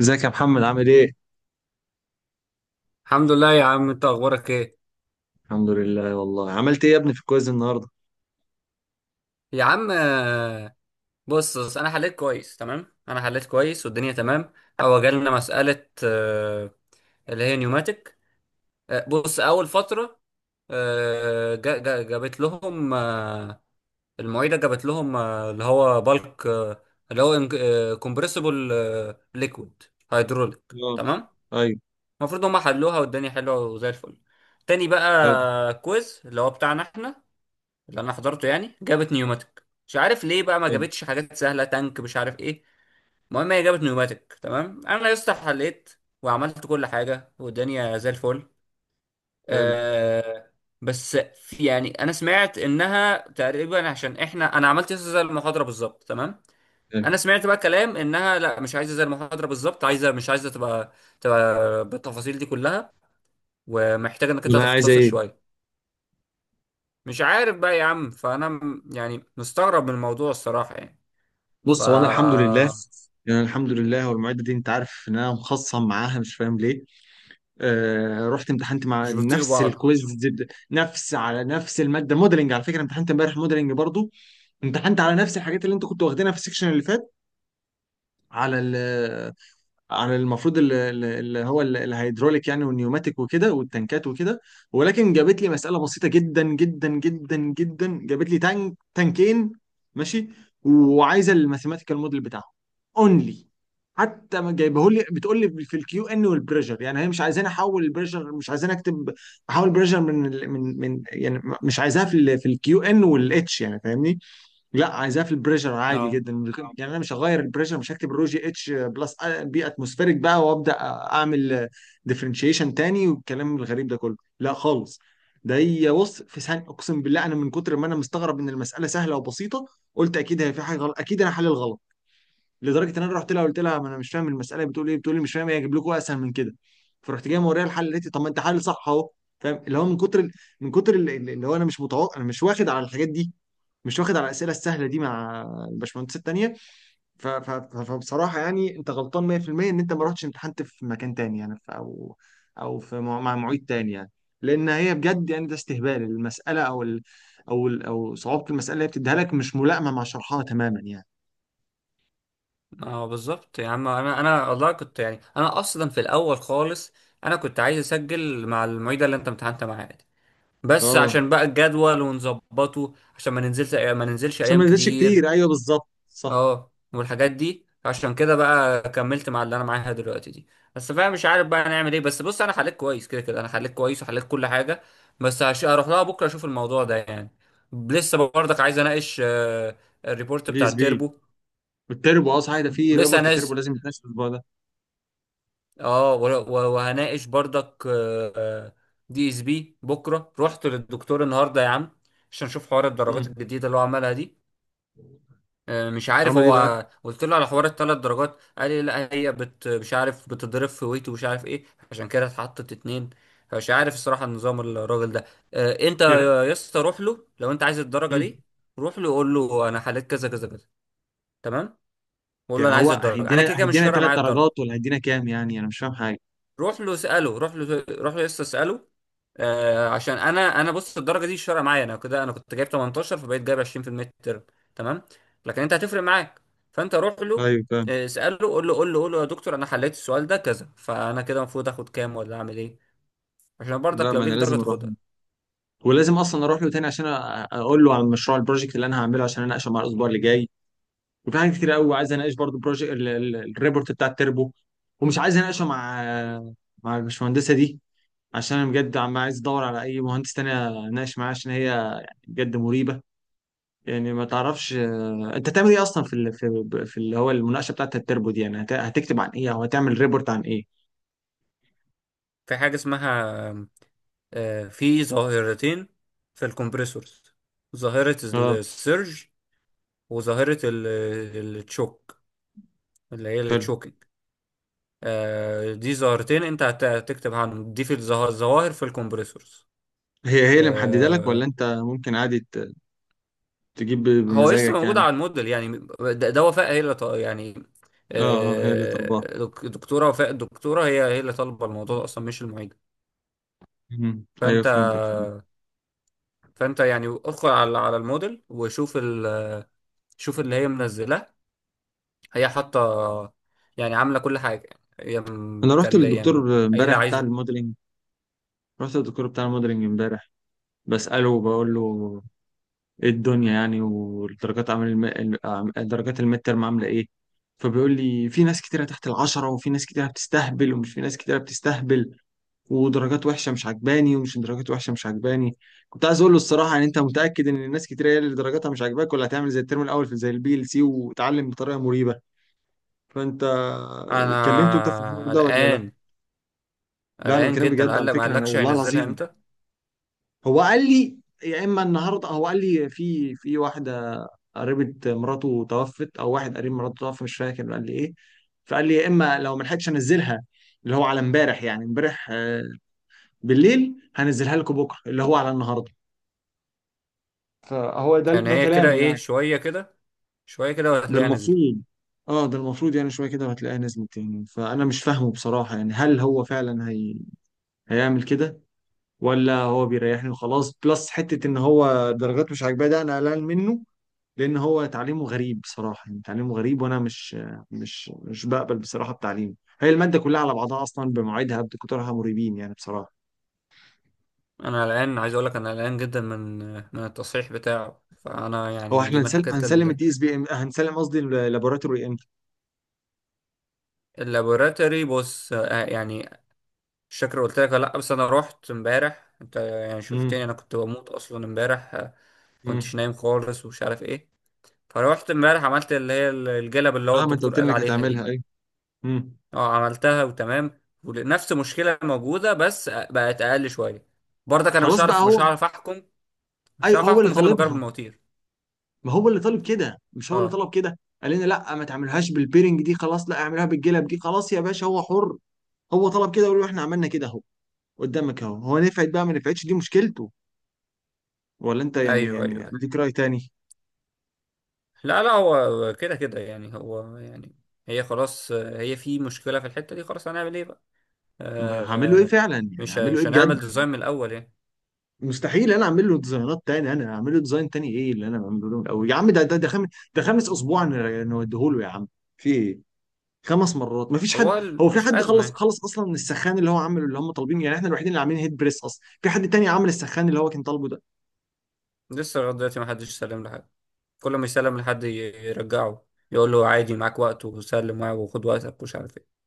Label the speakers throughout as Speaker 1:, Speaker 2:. Speaker 1: ازيك يا محمد عامل ايه؟
Speaker 2: الحمد لله يا عم، انت اخبارك ايه؟
Speaker 1: الحمد لله والله عملت ايه يا ابني في الكويز النهارده؟
Speaker 2: يا عم، بص بص انا حليت كويس تمام. انا حليت كويس والدنيا تمام. هو جالنا مسألة اللي هي نيوماتيك. بص، اول فترة جابت لهم، المعيدة جابت لهم اللي هو بالك، اللي هو كومبريسبل، ليكويد، هيدروليك،
Speaker 1: اه،
Speaker 2: تمام.
Speaker 1: ايوه،
Speaker 2: المفروض هم حلوها والدنيا حلوة وزي الفل. تاني
Speaker 1: حلو
Speaker 2: بقى كويز اللي هو بتاعنا احنا، اللي انا حضرته يعني. جابت نيوماتيك، مش عارف ليه بقى ما
Speaker 1: حلو
Speaker 2: جابتش حاجات سهله، تانك مش عارف ايه. المهم هي جابت نيوماتيك تمام. انا يا اسطى حليت وعملت كل حاجه والدنيا زي الفل.
Speaker 1: حلو
Speaker 2: آه. بس في يعني انا سمعت انها تقريبا، عشان احنا انا عملت يا اسطى زي المحاضره بالظبط تمام.
Speaker 1: حلو.
Speaker 2: انا سمعت بقى كلام انها لا، مش عايزه زي المحاضره بالظبط، عايزه، مش عايزه تبقى بالتفاصيل دي كلها، ومحتاجه انك انت
Speaker 1: والله عايزه
Speaker 2: تختصر
Speaker 1: ايه؟
Speaker 2: شويه. مش عارف بقى يا عم، فانا يعني مستغرب من الموضوع الصراحه يعني. ف
Speaker 1: بص، هو انا الحمد لله، يعني الحمد لله. هو المعده دي، انت عارف ان انا مخصم معاها، مش فاهم ليه. آه، رحت امتحنت مع
Speaker 2: مش بيطيقوا
Speaker 1: نفس
Speaker 2: بعض.
Speaker 1: الكويز نفس على نفس الماده، موديلنج، على فكره امتحنت امبارح موديلنج برضو. امتحنت على نفس الحاجات اللي انت كنت واخدينها في السكشن اللي فات، على، عن المفروض اللي هو الهيدروليك يعني، والنيوماتيك وكده، والتنكات وكده. ولكن جابت لي مسألة بسيطة جدا جدا جدا جدا، جابت لي تانك تانكين، ماشي، وعايزة الماثيماتيكال موديل بتاعهم اونلي. حتى ما جايبه لي، بتقول لي في الكيو ان والبريشر. يعني هي مش عايزاني احول البريشر، مش عايزاني اكتب، احول بريشر من يعني مش عايزاها في ال، في الكيو ان والاتش يعني، فاهمني، لا عايزاه في البريشر عادي
Speaker 2: اه
Speaker 1: جدا. يعني انا مش هغير البريشر، مش هكتب رو جي اتش بلس بي اتموسفيريك بقى، وابدا اعمل ديفرنشيشن تاني، والكلام الغريب ده كله، لا خالص. ده هي، بص، في ثانيه، اقسم بالله انا من كتر ما انا مستغرب ان المساله سهله وبسيطه، قلت اكيد هي في حاجه غلط، اكيد انا حل الغلط، لدرجه ان انا رحت لها قلت لها ما انا مش فاهم المساله بتقول ايه. بتقول لي مش فاهم ايه، اجيب لكم اسهل من كده؟ فرحت جاي موريها الحل، اللي طب ما انت حل صح اهو. فاهم؟ اللي هو من كتر، من كتر اللي، اللي هو انا مش متوقع، انا مش واخد على الحاجات دي، مش واخد على الاسئله السهله دي مع الباشمهندسات التانيه. فبصراحه يعني انت غلطان 100% ان انت ما رحتش امتحنت في مكان تاني، يعني في، او او في مع معيد تاني يعني. لان هي بجد يعني ده استهبال المساله، او ال، او صعوبه المساله اللي هي بتديها لك مش ملائمه مع شرحها تماما يعني.
Speaker 2: اه بالظبط يا عم. انا والله كنت، يعني انا اصلا في الاول خالص انا كنت عايز اسجل مع المعيده اللي انت امتحنت معاها دي، بس
Speaker 1: اه،
Speaker 2: عشان بقى الجدول ونظبطه عشان ما ننزلش
Speaker 1: عشان ما
Speaker 2: ايام
Speaker 1: يزيدش
Speaker 2: كتير.
Speaker 1: كتير، ايوه بالظبط صح.
Speaker 2: اه، والحاجات دي عشان كده بقى كملت مع اللي انا معاها دلوقتي دي. بس فاهم، مش عارف بقى نعمل ايه. بس بص انا حليت كويس كده كده، انا حليت كويس وحليت كل حاجه، بس هروح لها بكره اشوف الموضوع ده يعني. لسه برضك عايز اناقش الريبورت
Speaker 1: بي
Speaker 2: بتاع
Speaker 1: اس بي
Speaker 2: التربو،
Speaker 1: والتربو، اه صحيح، ده في
Speaker 2: ولسه
Speaker 1: ريبورت
Speaker 2: ناس.
Speaker 1: تربو لازم يتناقش الاسبوع ده.
Speaker 2: اه، وهناقش برضك دي اس بي بكره. رحت للدكتور النهارده يا عم عشان اشوف حوار الدرجات
Speaker 1: امم.
Speaker 2: الجديده اللي هو عملها دي. مش عارف،
Speaker 1: عمل ايه بقى؟
Speaker 2: هو قلت له على حوار الثلاث درجات، قال لي لا، هي بت مش عارف بتضرب في ويت ومش عارف ايه، عشان كده اتحطت اتنين. فمش عارف الصراحة النظام الراجل ده. انت
Speaker 1: يعني
Speaker 2: يا اسطى، روح له لو انت عايز الدرجة
Speaker 1: مم.
Speaker 2: دي. روح له قول له انا حليت كذا كذا كذا، تمام، وقول له
Speaker 1: يعني
Speaker 2: انا عايز
Speaker 1: هو
Speaker 2: الدرجة. انا
Speaker 1: هيدينا
Speaker 2: كده كده مش
Speaker 1: هيدينا
Speaker 2: فارقة
Speaker 1: ثلاث
Speaker 2: معايا الدرجة.
Speaker 1: درجات ولا هيدينا كام؟ يعني انا مش فاهم حاجه.
Speaker 2: روح له اساله، روح له، روح له لسه اساله. آه عشان انا بص، الدرجه دي مش فارقه معايا انا كده. انا كنت جايب 18 فبقيت جايب 20 في الميد ترم، تمام. لكن انت هتفرق معاك، فانت روح له
Speaker 1: ايوه فاهم.
Speaker 2: اساله. قول له قول له قول له يا دكتور، انا حليت السؤال ده كذا، فانا كده المفروض اخد كام ولا اعمل ايه؟ عشان
Speaker 1: لا،
Speaker 2: برضك لو
Speaker 1: ما انا
Speaker 2: ليك درجه
Speaker 1: لازم اروح له،
Speaker 2: تاخدها.
Speaker 1: ولازم اصلا اروح له تاني عشان اقول له عن مشروع البروجكت اللي انا هعمله، عشان اناقشه مع الاسبوع اللي جاي. وفي حاجات كتير قوي عايز اناقش برضو بروجكت الريبورت بتاع التربو، ومش عايز اناقشه مع، مع البشمهندسه دي، عشان انا بجد عم عايز ادور على اي مهندس تاني اناقش معاه، عشان هي يعني بجد مريبه. يعني ما تعرفش انت تعمل ايه اصلا في في اللي هو المناقشه بتاعت التربو دي، يعني هتكتب عن ايه، او هتعمل ريبورت عن ايه.
Speaker 2: في حاجه اسمها في ظاهرتين في الكمبريسورز: ظاهره
Speaker 1: اه.
Speaker 2: السيرج، وظاهره التشوك اللي هي
Speaker 1: حلو.
Speaker 2: التشوكينج. دي ظاهرتين انت هتكتب عنهم، دي في الظواهر في الكمبريسورز.
Speaker 1: هي هي اللي محدده لك، ولا
Speaker 2: آه،
Speaker 1: انت ممكن عادي تجيب
Speaker 2: هو لسه
Speaker 1: بمزاجك
Speaker 2: موجود
Speaker 1: يعني؟
Speaker 2: على الموديل يعني. ده وفاء هي اللي يعني
Speaker 1: اه اه، هي اللي طالباها.
Speaker 2: دكتورة وفاء، الدكتورة هي اللي طالبة الموضوع ده اصلا، مش المعيد.
Speaker 1: مم. ايوه
Speaker 2: فانت
Speaker 1: فهمتك. مم.
Speaker 2: فانت يعني ادخل على الموديل وشوف شوف اللي هي منزلاه. هي حاطة، يعني عاملة كل حاجة. هي
Speaker 1: انا رحت
Speaker 2: متكلمة يعني،
Speaker 1: للدكتور
Speaker 2: قايلة
Speaker 1: امبارح بتاع
Speaker 2: عايزة.
Speaker 1: الموديلنج، رحت للدكتور بتاع الموديلنج امبارح، بساله وبقول له ايه الدنيا يعني، والدرجات عامل درجات الميد ترم عامله ايه. فبيقول لي في ناس كتيره تحت العشرة، وفي ناس كتيره بتستهبل، ومش في ناس كتيره بتستهبل، ودرجات وحشه مش عجباني، ومش درجات وحشه مش عجباني. كنت عايز اقول له الصراحه يعني، انت متاكد ان الناس كتيره هي اللي درجاتها مش عاجباك، ولا هتعمل زي الترم الاول في زي البي ال سي، وتعلم بطريقه مريبه؟ فانت كلمته انت في الحوار
Speaker 2: انا
Speaker 1: ده ولا لا؟
Speaker 2: قلقان،
Speaker 1: لا، انا
Speaker 2: قلقان
Speaker 1: بكلم
Speaker 2: جدا.
Speaker 1: بجد
Speaker 2: قال
Speaker 1: على
Speaker 2: لك ما
Speaker 1: فكره، انا
Speaker 2: قالكش
Speaker 1: والله
Speaker 2: هينزلها
Speaker 1: العظيم.
Speaker 2: امتى؟
Speaker 1: هو قال لي، يا اما النهارده، هو قال لي في واحده قريبه مراته توفت، او واحد قريب مراته توفى، مش فاكر قال لي ايه. فقال لي يا اما لو ما لحقتش انزلها، اللي هو على امبارح يعني، امبارح بالليل، هنزلها لكم بكره اللي هو على النهارده. فهو ده
Speaker 2: يعني
Speaker 1: ده
Speaker 2: هي كده
Speaker 1: كلامه
Speaker 2: ايه،
Speaker 1: يعني.
Speaker 2: شوية كده شوية كده
Speaker 1: ده
Speaker 2: وهتلاقيها نزلت.
Speaker 1: المفروض. اه، ده المفروض، يعني شويه كده وهتلاقيها نزلت يعني. فانا مش فاهمه بصراحه يعني، هل هو فعلا هي، هيعمل كده، ولا هو بيريحني وخلاص، بلس حتة ان هو درجات مش عاجباه، ده انا قلقان منه، لان هو تعليمه غريب بصراحة، يعني تعليمه غريب، وانا مش، بقبل بصراحة بتعليمه. هي المادة كلها على بعضها اصلا بمواعيدها بدكتورها مريبين يعني بصراحة.
Speaker 2: انا قلقان، عايز اقول لك انا قلقان جدا من التصحيح بتاعه. فانا
Speaker 1: هو
Speaker 2: يعني
Speaker 1: احنا
Speaker 2: دي من
Speaker 1: هنسلم،
Speaker 2: الحاجات
Speaker 1: الدي اس بي ام، هنسلم قصدي اللابوراتوري، امتى؟
Speaker 2: اللابوراتوري. بص، يعني مش فاكر قلت لك ولا لا، بس انا رحت امبارح، انت يعني
Speaker 1: امم.
Speaker 2: شفتني انا كنت بموت اصلا امبارح
Speaker 1: امم.
Speaker 2: كنتش نايم خالص ومش عارف ايه. فروحت امبارح عملت اللي هي الجلب اللي هو
Speaker 1: اه، ما انت
Speaker 2: الدكتور
Speaker 1: قلت لي
Speaker 2: قال
Speaker 1: انك
Speaker 2: عليها دي.
Speaker 1: هتعملها، ايوه. امم.
Speaker 2: اه عملتها وتمام، ونفس مشكلة موجودة بس بقت اقل شوية. برضك انا مش
Speaker 1: خلاص بقى.
Speaker 2: عارف،
Speaker 1: هو
Speaker 2: احكم مش
Speaker 1: اي،
Speaker 2: هعرف
Speaker 1: هو اللي
Speaker 2: احكم غير لما اجرب
Speaker 1: طالبها.
Speaker 2: المواتير.
Speaker 1: ما هو اللي طالب كده، مش هو اللي
Speaker 2: اه
Speaker 1: طلب كده؟ قال لنا لا، ما تعملهاش بالبيرنج دي خلاص، لا اعملها بالجلب دي خلاص، يا باشا هو حر، هو طلب كده، وقالوا له احنا عملنا كده اهو، قدامك اهو، هو نفعت بقى ما نفعتش، دي مشكلته. ولا انت يعني،
Speaker 2: ايوه ايوه
Speaker 1: يعني
Speaker 2: أيوة.
Speaker 1: اديك رأي تاني؟
Speaker 2: لا لا، هو كده كده يعني. هو يعني هي خلاص هي في مشكله في الحته دي. خلاص هنعمل ايه بقى؟
Speaker 1: طب انا هعمل له ايه
Speaker 2: آه.
Speaker 1: فعلا، يعني هعمل له ايه
Speaker 2: مش
Speaker 1: بجد؟
Speaker 2: هنعمل ديزاين من الاول يعني.
Speaker 1: مستحيل انا اعمل له ديزاينات تاني، انا هعمل له ديزاين تاني؟ ايه اللي انا بعمله له الاول يا عم، ده خامس، ده خامس اسبوع نوديه له يا عم، في ايه، 5 مرات، مفيش حد.
Speaker 2: هو
Speaker 1: هو في
Speaker 2: مش
Speaker 1: حد
Speaker 2: ازمه
Speaker 1: خلص،
Speaker 2: يعني.
Speaker 1: اصلا من السخان اللي هو عامله اللي هم طالبينه؟ يعني احنا الوحيدين اللي عاملين هيد بريس اصلا، في حد تاني عامل السخان اللي هو كان طالبه ده؟
Speaker 2: لسه لغايه دلوقتي ما حدش سلم لحد، كل ما يسلم لحد يرجعه، يقول له عادي معاك وقت وسلم معاه وخد وقتك ومش عارف ايه.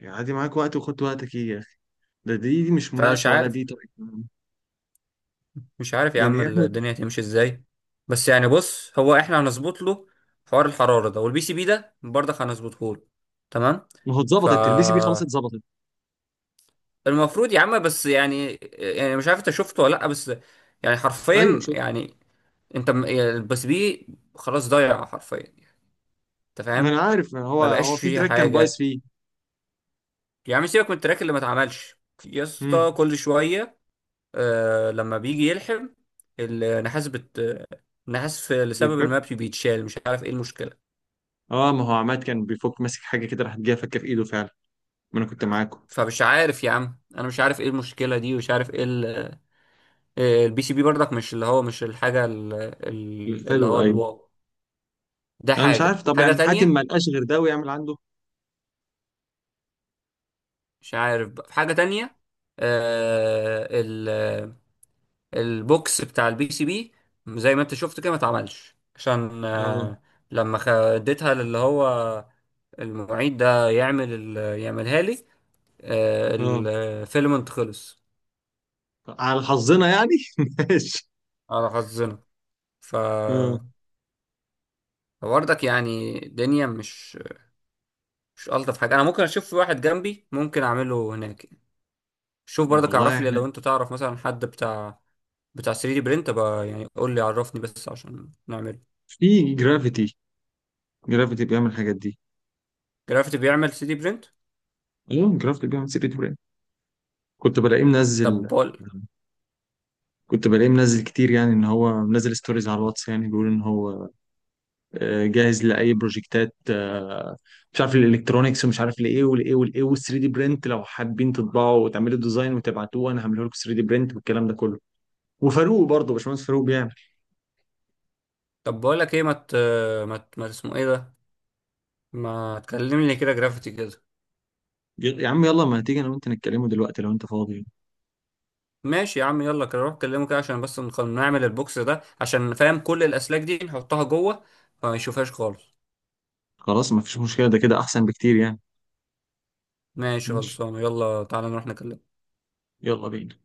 Speaker 1: يعني عادي معاك وقت، وخد وقتك، ايه يا اخي؟ ده دي, مش
Speaker 2: فانا مش
Speaker 1: مناقشه ولا
Speaker 2: عارف،
Speaker 1: دي طريقه.
Speaker 2: يا عم
Speaker 1: يعني احنا،
Speaker 2: الدنيا هتمشي ازاي. بس يعني بص، هو احنا هنظبط له حوار الحرارة ده، والبي سي بي ده برضه هنظبطه له، تمام.
Speaker 1: ما هو
Speaker 2: ف
Speaker 1: اتظبطت تلبسي بيه خلاص، اتظبطت.
Speaker 2: المفروض يا عم، بس يعني مش عارف انت شفته ولا لا، بس يعني
Speaker 1: ايوه
Speaker 2: حرفيا
Speaker 1: شفت.
Speaker 2: يعني انت يعني البي سي بي خلاص ضايع حرفيا، انت
Speaker 1: ما انا
Speaker 2: فاهم،
Speaker 1: عارف، ما هو
Speaker 2: ما بقاش
Speaker 1: هو في
Speaker 2: فيه
Speaker 1: تراك كان بايظ
Speaker 2: حاجة.
Speaker 1: فيه.
Speaker 2: يا عم سيبك من التراك اللي ما اتعملش. يا اسطى
Speaker 1: امم.
Speaker 2: كل شوية آه لما بيجي يلحم النحاس، النحاس لسبب
Speaker 1: بيفك.
Speaker 2: ما بيتشال، مش عارف ايه المشكلة.
Speaker 1: اه، ما هو عماد كان بيفك ماسك حاجه كده، راحت جايه فكه في ايده فعلا، ما انا كنت معاكم.
Speaker 2: فمش عارف يا عم، انا مش عارف ايه المشكلة دي ومش عارف ايه. البي سي بي برضك مش اللي هو، مش الحاجة اللي
Speaker 1: حلو.
Speaker 2: هو
Speaker 1: ايوه.
Speaker 2: الواو، ده
Speaker 1: انا مش عارف،
Speaker 2: حاجة
Speaker 1: طب
Speaker 2: حاجة
Speaker 1: يعني حاتم
Speaker 2: تانية.
Speaker 1: ما لقاش غير ده ويعمل عنده.
Speaker 2: مش عارف بقى، في حاجة تانية. آه البوكس بتاع البي سي بي زي ما انت شفت كده ما اتعملش، عشان
Speaker 1: اه.
Speaker 2: آه لما اديتها للي هو المعيد ده يعمل يعملها لي.
Speaker 1: اه،
Speaker 2: الفيلم انت خلص،
Speaker 1: على حظنا يعني ماشي.
Speaker 2: على حظنا. ف
Speaker 1: اه،
Speaker 2: فبرضك يعني الدنيا مش الطف حاجه. انا ممكن اشوف في واحد جنبي ممكن اعمله هناك. شوف برضك،
Speaker 1: والله
Speaker 2: اعرف لي
Speaker 1: احنا
Speaker 2: لو انت تعرف مثلا حد بتاع 3 دي برينت بقى، يعني قول لي، عرفني بس عشان نعمله.
Speaker 1: في جرافيتي، جرافيتي بيعمل الحاجات دي.
Speaker 2: جرافيتي بيعمل 3 دي برينت.
Speaker 1: اه، جرافيتي بيعمل سيرة براند. كنت بلاقيه
Speaker 2: طب
Speaker 1: منزل
Speaker 2: بقول
Speaker 1: كنت بلاقيه منزل كتير، يعني ان هو منزل ستوريز على الواتس، يعني بيقول ان هو جاهز لاي بروجكتات، مش عارف الالكترونكس ومش عارف لايه ولايه والايه وال3 دي برنت، لو حابين تطبعوا وتعملوا ديزاين وتبعتوه انا هعمله لكم 3 دي برنت والكلام ده كله. وفاروق برضه، باشمهندس فاروق بيعمل.
Speaker 2: طب بقول لك ايه، ما اسمه ايه ده؟ ما تكلمني كده جرافيتي كده.
Speaker 1: يا عم يلا، ما هتيجي انا وانت نتكلموا دلوقتي لو انت فاضي.
Speaker 2: ماشي يا عم، يلا كده روح كلمه كده عشان بس نعمل البوكس ده عشان، فاهم، كل الأسلاك دي نحطها جوه، فما يشوفهاش خالص.
Speaker 1: خلاص ما فيش مشكله، ده كده احسن بكتير يعني.
Speaker 2: ماشي
Speaker 1: ماشي.
Speaker 2: خلصانة، يلا تعالى نروح نكلمه.
Speaker 1: يلا بينا.